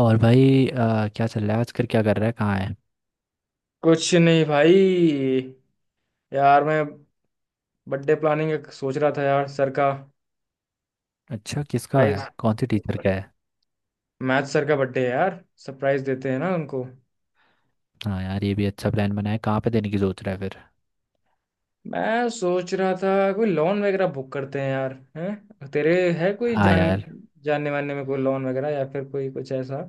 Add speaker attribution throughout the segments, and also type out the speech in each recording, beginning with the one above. Speaker 1: और भाई, क्या चल रहा है आजकल, क्या कर रहा है, कहाँ है।
Speaker 2: कुछ नहीं भाई। यार मैं बर्थडे प्लानिंग सोच रहा था यार सर का।
Speaker 1: अच्छा, किसका
Speaker 2: प्राइज
Speaker 1: है, कौन सी टीचर का है।
Speaker 2: मैथ सर का बर्थडे है यार। सरप्राइज देते हैं ना उनको।
Speaker 1: हाँ यार, ये भी अच्छा प्लान बना है। कहाँ पे देने की सोच रहा है फिर।
Speaker 2: मैं सोच रहा था कोई लोन वगैरह बुक करते हैं यार। हैं तेरे है कोई
Speaker 1: हाँ यार।
Speaker 2: जानने वानने में कोई लोन वगैरह या फिर कोई कुछ ऐसा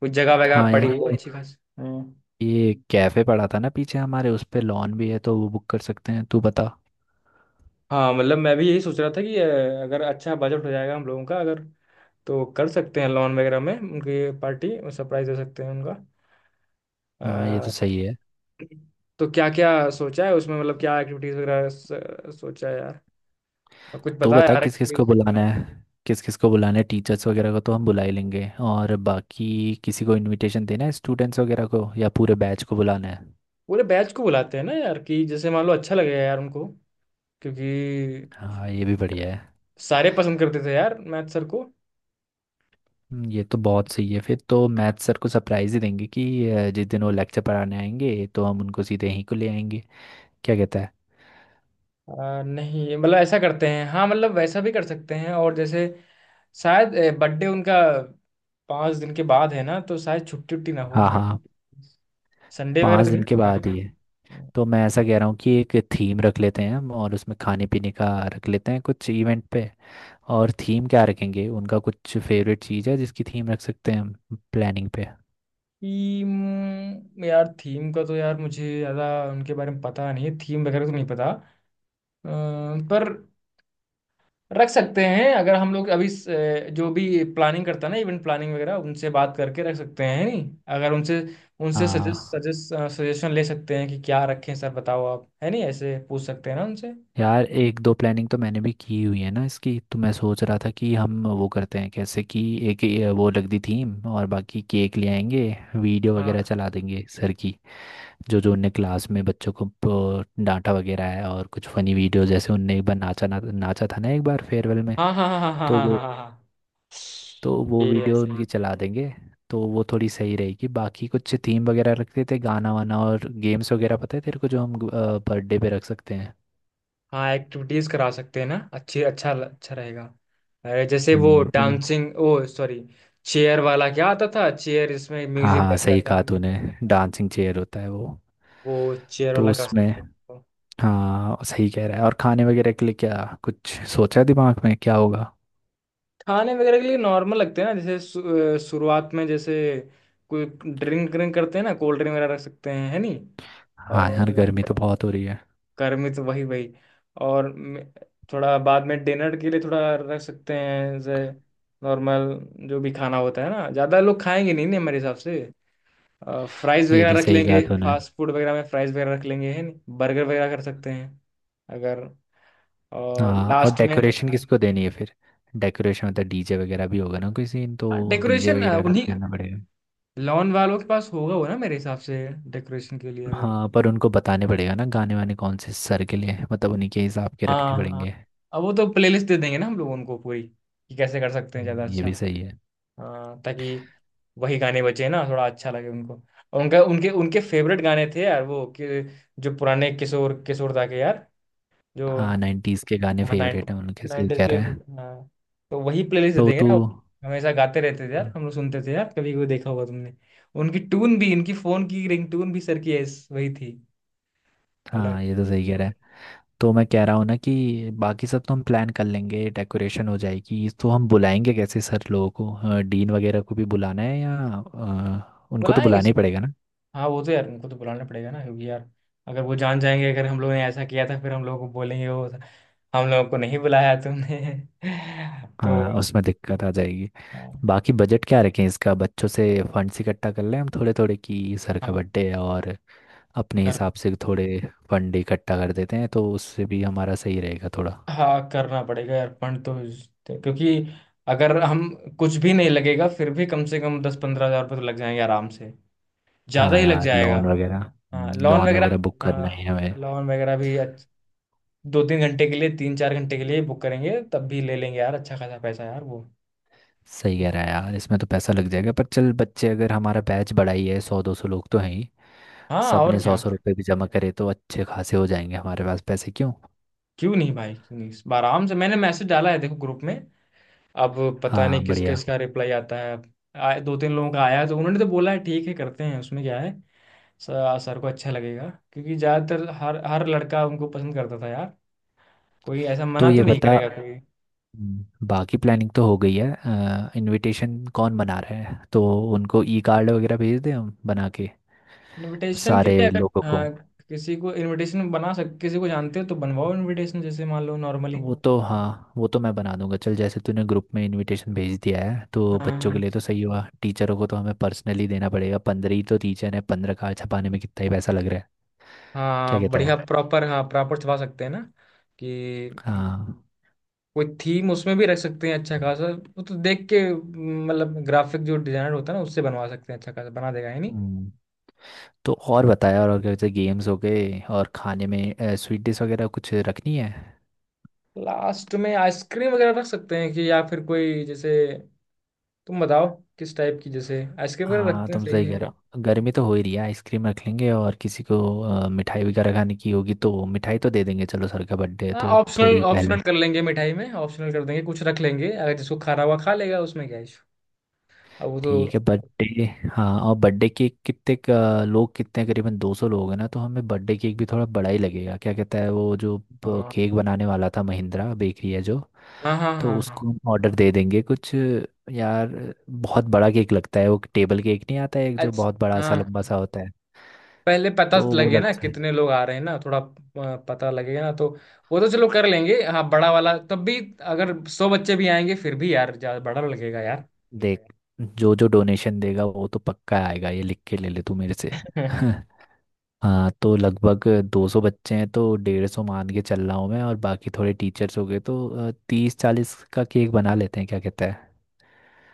Speaker 2: कोई जगह वगैरह
Speaker 1: हाँ
Speaker 2: पड़ी
Speaker 1: यार,
Speaker 2: हो
Speaker 1: ये
Speaker 2: अच्छी खासी। हाँ
Speaker 1: ये कैफे पड़ा था ना पीछे हमारे। उस पे लॉन भी है तो वो बुक कर सकते हैं। तू बता।
Speaker 2: हाँ, मतलब मैं भी यही सोच रहा था कि अगर अच्छा बजट हो जाएगा हम लोगों का। अगर तो कर सकते हैं लोन वगैरह में उनकी पार्टी। सरप्राइज दे सकते हैं
Speaker 1: हाँ, ये तो
Speaker 2: उनका।
Speaker 1: सही है।
Speaker 2: तो क्या क्या सोचा है उसमें मतलब क्या एक्टिविटीज वगैरह सोचा है यार। और कुछ
Speaker 1: तू
Speaker 2: बता
Speaker 1: बता
Speaker 2: यार
Speaker 1: किस किस को
Speaker 2: एक्टिविटीज।
Speaker 1: बुलाना है। किस किस को बुलाना है? टीचर्स वगैरह को तो हम बुला ही लेंगे। और बाकी किसी को इनविटेशन देना है स्टूडेंट्स वगैरह को, या पूरे बैच को बुलाना है?
Speaker 2: पूरे बैच को बुलाते हैं ना यार कि जैसे मान लो अच्छा लगेगा यार उनको क्योंकि
Speaker 1: हाँ, ये भी बढ़िया है।
Speaker 2: सारे पसंद करते थे यार मैथ सर को।
Speaker 1: ये तो बहुत सही है। फिर तो मैथ सर को सरप्राइज ही देंगे कि जिस दिन वो लेक्चर पढ़ाने आएंगे तो हम उनको सीधे यहीं को ले आएंगे। क्या कहता है?
Speaker 2: नहीं मतलब ऐसा करते हैं। हाँ मतलब वैसा भी कर सकते हैं। और जैसे शायद बर्थडे उनका पाँच दिन के बाद है ना तो शायद छुट्टी उट्टी ना हो।
Speaker 1: हाँ
Speaker 2: मैं
Speaker 1: हाँ।
Speaker 2: संडे वगैरह
Speaker 1: पाँच
Speaker 2: तो
Speaker 1: दिन
Speaker 2: नहीं
Speaker 1: के बाद ही है। तो
Speaker 2: होगा?
Speaker 1: मैं ऐसा कह रहा हूँ कि एक थीम रख लेते हैं हम, और उसमें खाने पीने का रख लेते हैं कुछ इवेंट पे। और थीम क्या रखेंगे? उनका कुछ फेवरेट चीज़ है जिसकी थीम रख सकते हैं हम? प्लानिंग पे।
Speaker 2: थीम यार थीम का तो यार मुझे ज़्यादा उनके बारे में पता नहीं है। थीम वगैरह तो नहीं पता। अ, पर रख सकते हैं अगर हम लोग अभी जो भी प्लानिंग करता है ना इवेंट प्लानिंग वगैरह उनसे बात करके रख सकते हैं नहीं। अगर उनसे उनसे सजेस्ट
Speaker 1: हाँ
Speaker 2: सजेस्ट सजेशन ले सकते हैं कि क्या रखें सर बताओ आप है नहीं ऐसे पूछ सकते हैं ना उनसे।
Speaker 1: यार, एक दो प्लानिंग तो मैंने भी की हुई है ना इसकी। तो मैं सोच रहा था कि हम वो करते हैं कैसे, कि एक ये वो लग दी थीम, और बाकी केक ले आएंगे। वीडियो
Speaker 2: हाँ
Speaker 1: वगैरह चला देंगे सर की। जो जो उनने क्लास में बच्चों को डांटा वगैरह है, और कुछ फनी वीडियो, जैसे उनने एक बार नाचा ना, नाचा था ना एक बार फेयरवेल में।
Speaker 2: हाँ हाँ हाँ हाँ हाँ
Speaker 1: तो
Speaker 2: हाँ हाँ
Speaker 1: वो
Speaker 2: हाँ हाँ।
Speaker 1: तो वो
Speaker 2: ये
Speaker 1: वीडियो
Speaker 2: ऐसे ही।
Speaker 1: उनकी चला देंगे। तो वो थोड़ी सही रहेगी। बाकी कुछ थीम वगैरह रखते थे, गाना वाना और गेम्स वगैरह पता है तेरे को जो हम बर्थडे पे रख सकते हैं।
Speaker 2: हाँ एक्टिविटीज करा सकते हैं ना। अच्छी अच्छा अच्छा रहेगा। अरे, जैसे वो
Speaker 1: हम्म, तुम।
Speaker 2: डांसिंग, ओ सॉरी, चेयर वाला क्या आता था। चेयर इसमें
Speaker 1: हाँ
Speaker 2: म्यूजिक
Speaker 1: हाँ,
Speaker 2: बजता
Speaker 1: सही
Speaker 2: था।
Speaker 1: कहा तूने। डांसिंग चेयर होता है वो।
Speaker 2: वो चेयर
Speaker 1: तो
Speaker 2: वाला कर
Speaker 1: उसमें।
Speaker 2: सकते हैं तो।
Speaker 1: हाँ, सही कह रहा है। और खाने वगैरह के लिए क्या कुछ सोचा है दिमाग में क्या होगा?
Speaker 2: खाने वगैरह के लिए नॉर्मल लगते हैं ना। जैसे शुरुआत में जैसे कोई ड्रिंक ड्रिंक करते हैं ना। कोल्ड ड्रिंक वगैरह रख सकते हैं है नहीं।
Speaker 1: हाँ यार, गर्मी
Speaker 2: और
Speaker 1: तो बहुत हो रही है।
Speaker 2: घर में तो वही वही। और थोड़ा बाद में डिनर के लिए थोड़ा रख सकते हैं। जैसे नॉर्मल जो भी खाना होता है ना ज्यादा लोग खाएंगे नहीं। नहीं हमारे हिसाब से फ्राइज
Speaker 1: ये भी
Speaker 2: वगैरह रख
Speaker 1: सही कहा
Speaker 2: लेंगे।
Speaker 1: तूने।
Speaker 2: फास्ट फूड वगैरह में फ्राइज वगैरह रख लेंगे है नहीं। बर्गर वगैरह कर सकते हैं अगर। और
Speaker 1: हाँ, और
Speaker 2: लास्ट में।
Speaker 1: डेकोरेशन किसको देनी है फिर? डेकोरेशन मतलब डीजे वगैरह भी होगा ना कोई सीन? तो डीजे
Speaker 2: डेकोरेशन
Speaker 1: वगैरह का
Speaker 2: उन्हीं
Speaker 1: करना पड़ेगा।
Speaker 2: लॉन वालों के पास होगा वो ना मेरे हिसाब से। डेकोरेशन के लिए अगर
Speaker 1: हाँ, पर उनको बताने पड़ेगा ना गाने वाने कौन से सर के लिए, मतलब उन्हीं के हिसाब के रखने
Speaker 2: हाँ। हाँ
Speaker 1: पड़ेंगे।
Speaker 2: अब वो तो प्लेलिस्ट दे देंगे ना हम लोग उनको पूरी। कि कैसे कर सकते हैं ज़्यादा
Speaker 1: ये
Speaker 2: अच्छा।
Speaker 1: भी सही है।
Speaker 2: हाँ ताकि वही गाने बचे ना थोड़ा अच्छा लगे उनको। और उनका उनके उनके फेवरेट गाने थे यार वो। कि जो पुराने किशोर किशोर दा के यार जो।
Speaker 1: हाँ, नाइन्टीज़ के गाने
Speaker 2: हाँ
Speaker 1: फेवरेट हैं उनके। सही
Speaker 2: 90
Speaker 1: कह
Speaker 2: के।
Speaker 1: रहा है।
Speaker 2: हाँ तो वही प्लेलिस्ट दे
Speaker 1: तो
Speaker 2: देंगे
Speaker 1: तू।
Speaker 2: ना। हमेशा गाते रहते थे यार हम लोग। सुनते थे यार कभी कोई देखा होगा तुमने। उनकी टून भी इनकी फोन की रिंगटोन भी सर की वही थी। अलग।
Speaker 1: हाँ, ये तो सही कह रहा है। तो मैं कह रहा हूँ ना कि बाकी सब तो हम प्लान कर लेंगे, डेकोरेशन हो जाएगी। तो हम बुलाएंगे कैसे सर लोगों को, डीन वगैरह को भी बुलाना है या? उनको तो
Speaker 2: बुलाएंगे
Speaker 1: बुलाना ही
Speaker 2: इस-
Speaker 1: पड़ेगा ना।
Speaker 2: हाँ वो तो यार उनको तो बुलाना पड़ेगा ना क्योंकि यार अगर वो जान जाएंगे अगर हम लोगों ने ऐसा किया था फिर हम लोगों को बोलेंगे वो। हम लोगों को नहीं बुलाया तुमने तो।
Speaker 1: हाँ, उसमें दिक्कत आ जाएगी।
Speaker 2: हाँ
Speaker 1: बाकी बजट क्या रखें इसका? बच्चों से फंड्स इकट्ठा कर लें हम थोड़े थोड़े कि सर का
Speaker 2: हाँ,
Speaker 1: बर्थडे है, और अपने
Speaker 2: कर
Speaker 1: हिसाब से थोड़े फंड इकट्ठा कर देते हैं तो उससे भी हमारा सही रहेगा थोड़ा।
Speaker 2: हाँ करना पड़ेगा अर्पण तो क्योंकि अगर हम कुछ भी नहीं लगेगा फिर भी कम से कम दस पंद्रह हजार रुपये तो लग जाएंगे आराम से। ज्यादा
Speaker 1: हाँ
Speaker 2: ही लग
Speaker 1: यार,
Speaker 2: जाएगा।
Speaker 1: लॉन वगैरह
Speaker 2: हाँ
Speaker 1: हम्म,
Speaker 2: लॉन
Speaker 1: लॉन
Speaker 2: वगैरह।
Speaker 1: वगैरह बुक करना है हमें।
Speaker 2: हाँ लॉन वगैरह भी दो तीन घंटे के लिए तीन चार घंटे के लिए बुक करेंगे तब भी ले लेंगे यार अच्छा खासा पैसा यार वो।
Speaker 1: सही कह रहा है यार, इसमें तो पैसा लग जाएगा, पर चल बच्चे अगर हमारा बैच बड़ा ही है, सौ दो सौ लोग तो हैं ही।
Speaker 2: हाँ
Speaker 1: सब
Speaker 2: और
Speaker 1: ने सौ
Speaker 2: क्या।
Speaker 1: सौ रुपये भी जमा करे तो अच्छे खासे हो जाएंगे हमारे पास पैसे। क्यों?
Speaker 2: क्यों नहीं भाई क्यों नहीं। इस बार आराम से मैंने मैसेज डाला है देखो ग्रुप में। अब पता
Speaker 1: हाँ,
Speaker 2: नहीं किस
Speaker 1: बढ़िया।
Speaker 2: किस का रिप्लाई आता है। आए दो तीन लोगों का आया है, तो उन्होंने तो बोला है ठीक है करते हैं उसमें क्या है। सर सर को अच्छा लगेगा क्योंकि ज़्यादातर हर हर लड़का उनको पसंद करता था यार। कोई ऐसा
Speaker 1: तो
Speaker 2: मना
Speaker 1: ये
Speaker 2: तो
Speaker 1: वही
Speaker 2: नहीं
Speaker 1: बता ना।
Speaker 2: करेगा कोई।
Speaker 1: बाकी प्लानिंग तो हो गई है। इनविटेशन कौन बना रहा है? तो उनको ई कार्ड वगैरह भेज दें हम बना के
Speaker 2: इनविटेशन के
Speaker 1: सारे
Speaker 2: लिए अगर
Speaker 1: लोगों को।
Speaker 2: हाँ। किसी को जानते हो तो बनवाओ इनविटेशन जैसे मान लो नॉर्मली।
Speaker 1: वो तो, हाँ, वो तो मैं बना दूंगा। चल, जैसे तूने ग्रुप में इनविटेशन भेज दिया है तो
Speaker 2: हाँ
Speaker 1: बच्चों के
Speaker 2: हाँ
Speaker 1: लिए तो सही हुआ। टीचरों को तो हमें पर्सनली देना पड़ेगा। 15 ही तो टीचर है, 15 का छपाने में कितना ही पैसा लग रहा है? क्या
Speaker 2: हाँ
Speaker 1: कहता
Speaker 2: बढ़िया
Speaker 1: है?
Speaker 2: प्रॉपर हाँ प्रॉपर छुपा सकते हैं ना कि
Speaker 1: हाँ।
Speaker 2: कोई थीम उसमें भी रख सकते हैं अच्छा खासा। वो तो देख के मतलब ग्राफिक जो डिजाइनर होता है ना उससे बनवा सकते हैं अच्छा खासा बना देगा है नहीं।
Speaker 1: हम्म, तो और बताया, और अगर जैसे गेम्स हो गए और खाने में स्वीट डिश वगैरह कुछ रखनी है।
Speaker 2: लास्ट में आइसक्रीम वगैरह रख सकते हैं कि या फिर कोई जैसे तुम बताओ किस टाइप की जैसे आइसक्रीम वगैरह
Speaker 1: हाँ,
Speaker 2: रखते हैं
Speaker 1: तुम
Speaker 2: सही
Speaker 1: सही
Speaker 2: है।
Speaker 1: कह रहे हो, गर्मी तो हो ही रही है। आइसक्रीम रख लेंगे, और किसी को मिठाई वगैरह खाने की होगी तो मिठाई तो दे देंगे। चलो, सर का बर्थडे है
Speaker 2: हाँ
Speaker 1: तो
Speaker 2: ऑप्शनल
Speaker 1: थोड़ी पहले।
Speaker 2: ऑप्शनल कर लेंगे मिठाई में। ऑप्शनल कर देंगे कुछ रख लेंगे अगर। जिसको खाना हुआ खा लेगा उसमें क्या इशू। अब वो
Speaker 1: ठीक है
Speaker 2: तो।
Speaker 1: बर्थडे। हाँ, और बर्थडे केक लोग कितने हैं? करीबन 200 लोग हैं ना। तो हमें बर्थडे केक भी थोड़ा बड़ा ही लगेगा। क्या कहता है वो जो
Speaker 2: हाँ
Speaker 1: केक बनाने वाला था, महिंद्रा बेकरी है जो।
Speaker 2: हाँ हाँ
Speaker 1: तो
Speaker 2: हाँ हाँ।
Speaker 1: उसको हम ऑर्डर दे देंगे कुछ यार। बहुत बड़ा केक लगता है वो, टेबल केक नहीं आता है एक, जो
Speaker 2: अच्छा।
Speaker 1: बहुत बड़ा सा
Speaker 2: हाँ
Speaker 1: लंबा सा होता है?
Speaker 2: पहले पता
Speaker 1: तो वो
Speaker 2: लगे
Speaker 1: लग
Speaker 2: ना
Speaker 1: जाए।
Speaker 2: कितने लोग आ रहे हैं ना थोड़ा पता लगेगा ना तो। वो तो चलो कर लेंगे हाँ बड़ा वाला तब भी। अगर सौ बच्चे भी आएंगे फिर भी यार ज्यादा बड़ा लगेगा यार।
Speaker 1: देख, जो जो डोनेशन देगा वो तो पक्का आएगा, ये लिख के ले ले तू मेरे से। हाँ, तो लगभग 200 बच्चे हैं तो 150 मान के चल रहा हूँ मैं, और बाकी थोड़े टीचर्स हो गए, तो तीस चालीस का केक बना लेते हैं। क्या कहता है?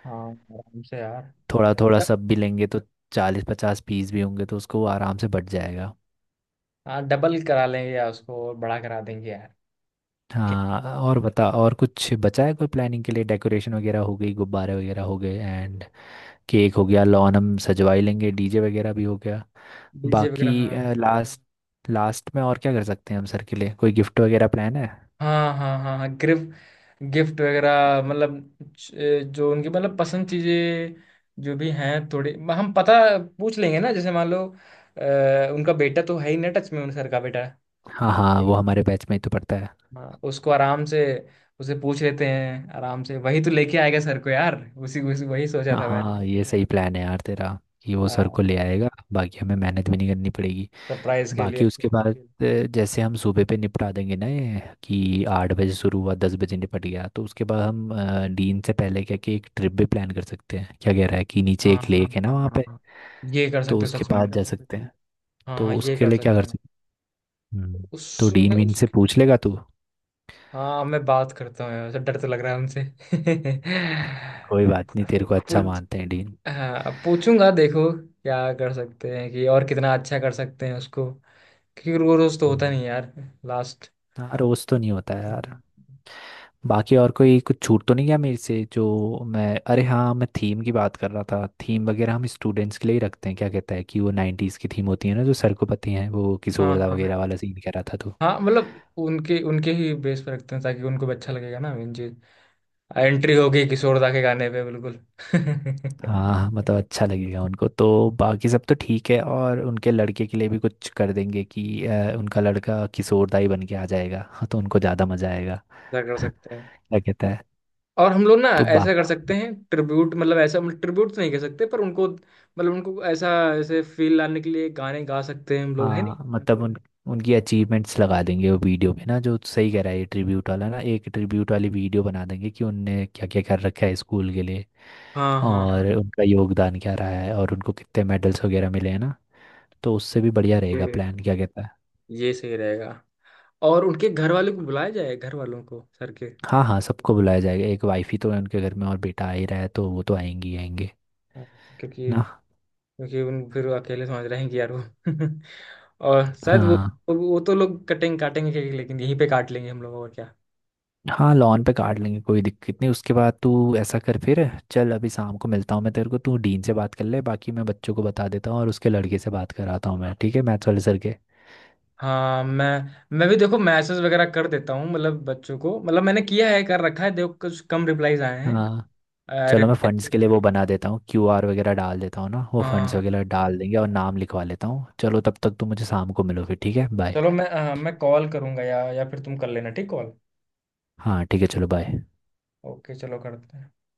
Speaker 2: हाँ आराम से यार।
Speaker 1: थोड़ा थोड़ा सब भी लेंगे तो चालीस पचास पीस भी होंगे, तो उसको आराम से बट जाएगा।
Speaker 2: हाँ डबल करा लेंगे यार उसको और बड़ा करा देंगे यार।
Speaker 1: हाँ, और बता, और कुछ बचा है कोई प्लानिंग के लिए? डेकोरेशन वगैरह हो गई, गुब्बारे वगैरह हो गए, एंड केक हो गया। लॉन हम सजवा ही लेंगे, डीजे वगैरह भी हो गया।
Speaker 2: डीजे
Speaker 1: बाकी
Speaker 2: वगैरह हाँ।
Speaker 1: लास्ट लास्ट में और क्या कर सकते हैं हम सर के लिए? कोई गिफ्ट वगैरह प्लान है?
Speaker 2: हाँ हाँ हाँ हाँ गिफ्ट गिफ्ट वगैरह मतलब जो उनकी मतलब पसंद चीजें जो भी हैं थोड़ी हम पता पूछ लेंगे ना। जैसे मान लो उनका बेटा तो है ही ना टच में उन सर का बेटा।
Speaker 1: हाँ हाँ, वो हमारे बैच में ही तो पड़ता है।
Speaker 2: हाँ उसको आराम से। उसे पूछ लेते हैं आराम से वही तो लेके आएगा सर को यार उसी उसी वही सोचा था मैंने
Speaker 1: हाँ, ये सही प्लान है यार तेरा कि वो सर को ले आएगा, बाकी हमें मेहनत भी नहीं करनी पड़ेगी।
Speaker 2: सरप्राइज के लिए।
Speaker 1: बाकी उसके बाद जैसे हम सुबह पे निपटा देंगे ना ये कि 8 बजे शुरू हुआ, 10 बजे निपट गया, तो उसके बाद हम डीन से पहले क्या कि एक ट्रिप भी प्लान कर सकते हैं? क्या कह रहा है कि नीचे
Speaker 2: हाँ
Speaker 1: एक
Speaker 2: हाँ
Speaker 1: लेक है ना
Speaker 2: हाँ
Speaker 1: वहाँ
Speaker 2: हाँ
Speaker 1: पे।
Speaker 2: हाँ। ये कर
Speaker 1: तो
Speaker 2: सकते हो
Speaker 1: उसके
Speaker 2: सच में।
Speaker 1: पास जा सकते हैं।
Speaker 2: हाँ
Speaker 1: तो
Speaker 2: हाँ ये
Speaker 1: उसके
Speaker 2: कर
Speaker 1: लिए क्या
Speaker 2: सकते
Speaker 1: कर
Speaker 2: हैं
Speaker 1: सकते हैं? तो डीन
Speaker 2: उसमें
Speaker 1: वीन
Speaker 2: उस।
Speaker 1: से पूछ लेगा तू?
Speaker 2: हाँ मैं बात करता हूँ यार डर तो लग रहा है उनसे
Speaker 1: कोई बात नहीं, तेरे को अच्छा
Speaker 2: पूछ
Speaker 1: मानते हैं डीन।
Speaker 2: हाँ पूछूंगा देखो क्या कर सकते हैं कि और कितना अच्छा कर सकते हैं उसको क्योंकि रोज रोज तो होता
Speaker 1: हम्म,
Speaker 2: नहीं यार। लास्ट।
Speaker 1: हाँ, रोज तो नहीं होता यार।
Speaker 2: हम्म।
Speaker 1: बाकी और कोई कुछ छूट तो नहीं गया मेरे से जो? मैं अरे हाँ, मैं थीम की बात कर रहा था। थीम वगैरह हम स्टूडेंट्स के लिए ही रखते हैं क्या कहता है, कि वो नाइन्टीज़ की थीम होती है ना जो सर को पता ही है, वो
Speaker 2: हाँ
Speaker 1: किशोरदा वगैरह
Speaker 2: हाँ
Speaker 1: वाला सीन कह रहा था तो।
Speaker 2: हाँ मतलब उनके उनके ही बेस पर रखते हैं ताकि उनको भी अच्छा लगेगा ना। मेन चीज एंट्री होगी किशोर दा के गाने पे बिल्कुल
Speaker 1: हाँ हाँ, मतलब अच्छा लगेगा उनको तो, बाकी सब तो ठीक है। और उनके लड़के के लिए भी कुछ कर देंगे कि उनका लड़का किशोरदा ही बन के आ जाएगा, हाँ, तो उनको ज़्यादा मज़ा आएगा।
Speaker 2: क्या कर सकते हैं।
Speaker 1: क्या कहता है?
Speaker 2: और हम लोग ना
Speaker 1: तो
Speaker 2: ऐसा
Speaker 1: बात।
Speaker 2: कर सकते हैं। ट्रिब्यूट मतलब ऐसा मतलब ट्रिब्यूट तो नहीं कर सकते पर उनको मतलब उनको ऐसा ऐसे फील लाने के लिए गाने गा सकते हैं हम लोग है नहीं।
Speaker 1: हाँ, मतलब उन उनकी अचीवमेंट्स लगा देंगे वो वीडियो पे ना, जो सही कह
Speaker 2: हाँ
Speaker 1: रहा है ये ट्रिब्यूट वाला ना। एक ट्रिब्यूट वाली वीडियो बना देंगे कि उनने क्या क्या कर रखा है स्कूल के लिए,
Speaker 2: हाँ हाँ हाँ, हाँ।
Speaker 1: और उनका योगदान क्या रहा है, और उनको कितने मेडल्स वगैरह मिले हैं ना, तो उससे भी बढ़िया रहेगा
Speaker 2: ये
Speaker 1: प्लान। क्या कहता है?
Speaker 2: ये सही रहेगा। और उनके घर वालों को बुलाया जाए घर वालों को सर के।
Speaker 1: हाँ हाँ, सबको बुलाया जाएगा। एक वाइफ ही तो है उनके घर में, और बेटा आ ही रहा है तो वो तो आएंगी आएंगे
Speaker 2: हाँ। क्योंकि
Speaker 1: ना।
Speaker 2: क्योंकि उन फिर वो अकेले समझ रहे हैं कि यार वो और शायद
Speaker 1: हाँ
Speaker 2: वो तो लोग कटेंगे काटेंगे केक, लेकिन यहीं पे काट लेंगे हम लोगों का क्या।
Speaker 1: हाँ, लॉन पे काट लेंगे, कोई दिक्कत नहीं। उसके बाद तू ऐसा कर फिर, चल अभी शाम को मिलता हूँ मैं तेरे को। तू डीन से बात कर ले, बाकी मैं बच्चों को बता देता हूँ, और उसके लड़के से बात कराता हूँ मैं, ठीक है, मैथ्स वाले सर के।
Speaker 2: हाँ मैं भी देखो मैसेज वगैरह कर देता हूँ मतलब बच्चों को मतलब मैंने किया है कर रखा है देखो कुछ कम रिप्लाईज आए हैं।
Speaker 1: हाँ,
Speaker 2: अरे
Speaker 1: चलो मैं फंड्स
Speaker 2: भाई,
Speaker 1: के लिए वो बना देता हूँ, QR वगैरह डाल देता हूँ ना, वो फंड्स
Speaker 2: हाँ
Speaker 1: वगैरह डाल देंगे और नाम लिखवा लेता हूँ। चलो, तब तक तू मुझे शाम को मिलो फिर, ठीक है, बाय।
Speaker 2: चलो मैं कॉल करूंगा या फिर तुम कर लेना ठीक कॉल।
Speaker 1: हाँ, ठीक है, चलो बाय।
Speaker 2: ओके चलो करते हैं।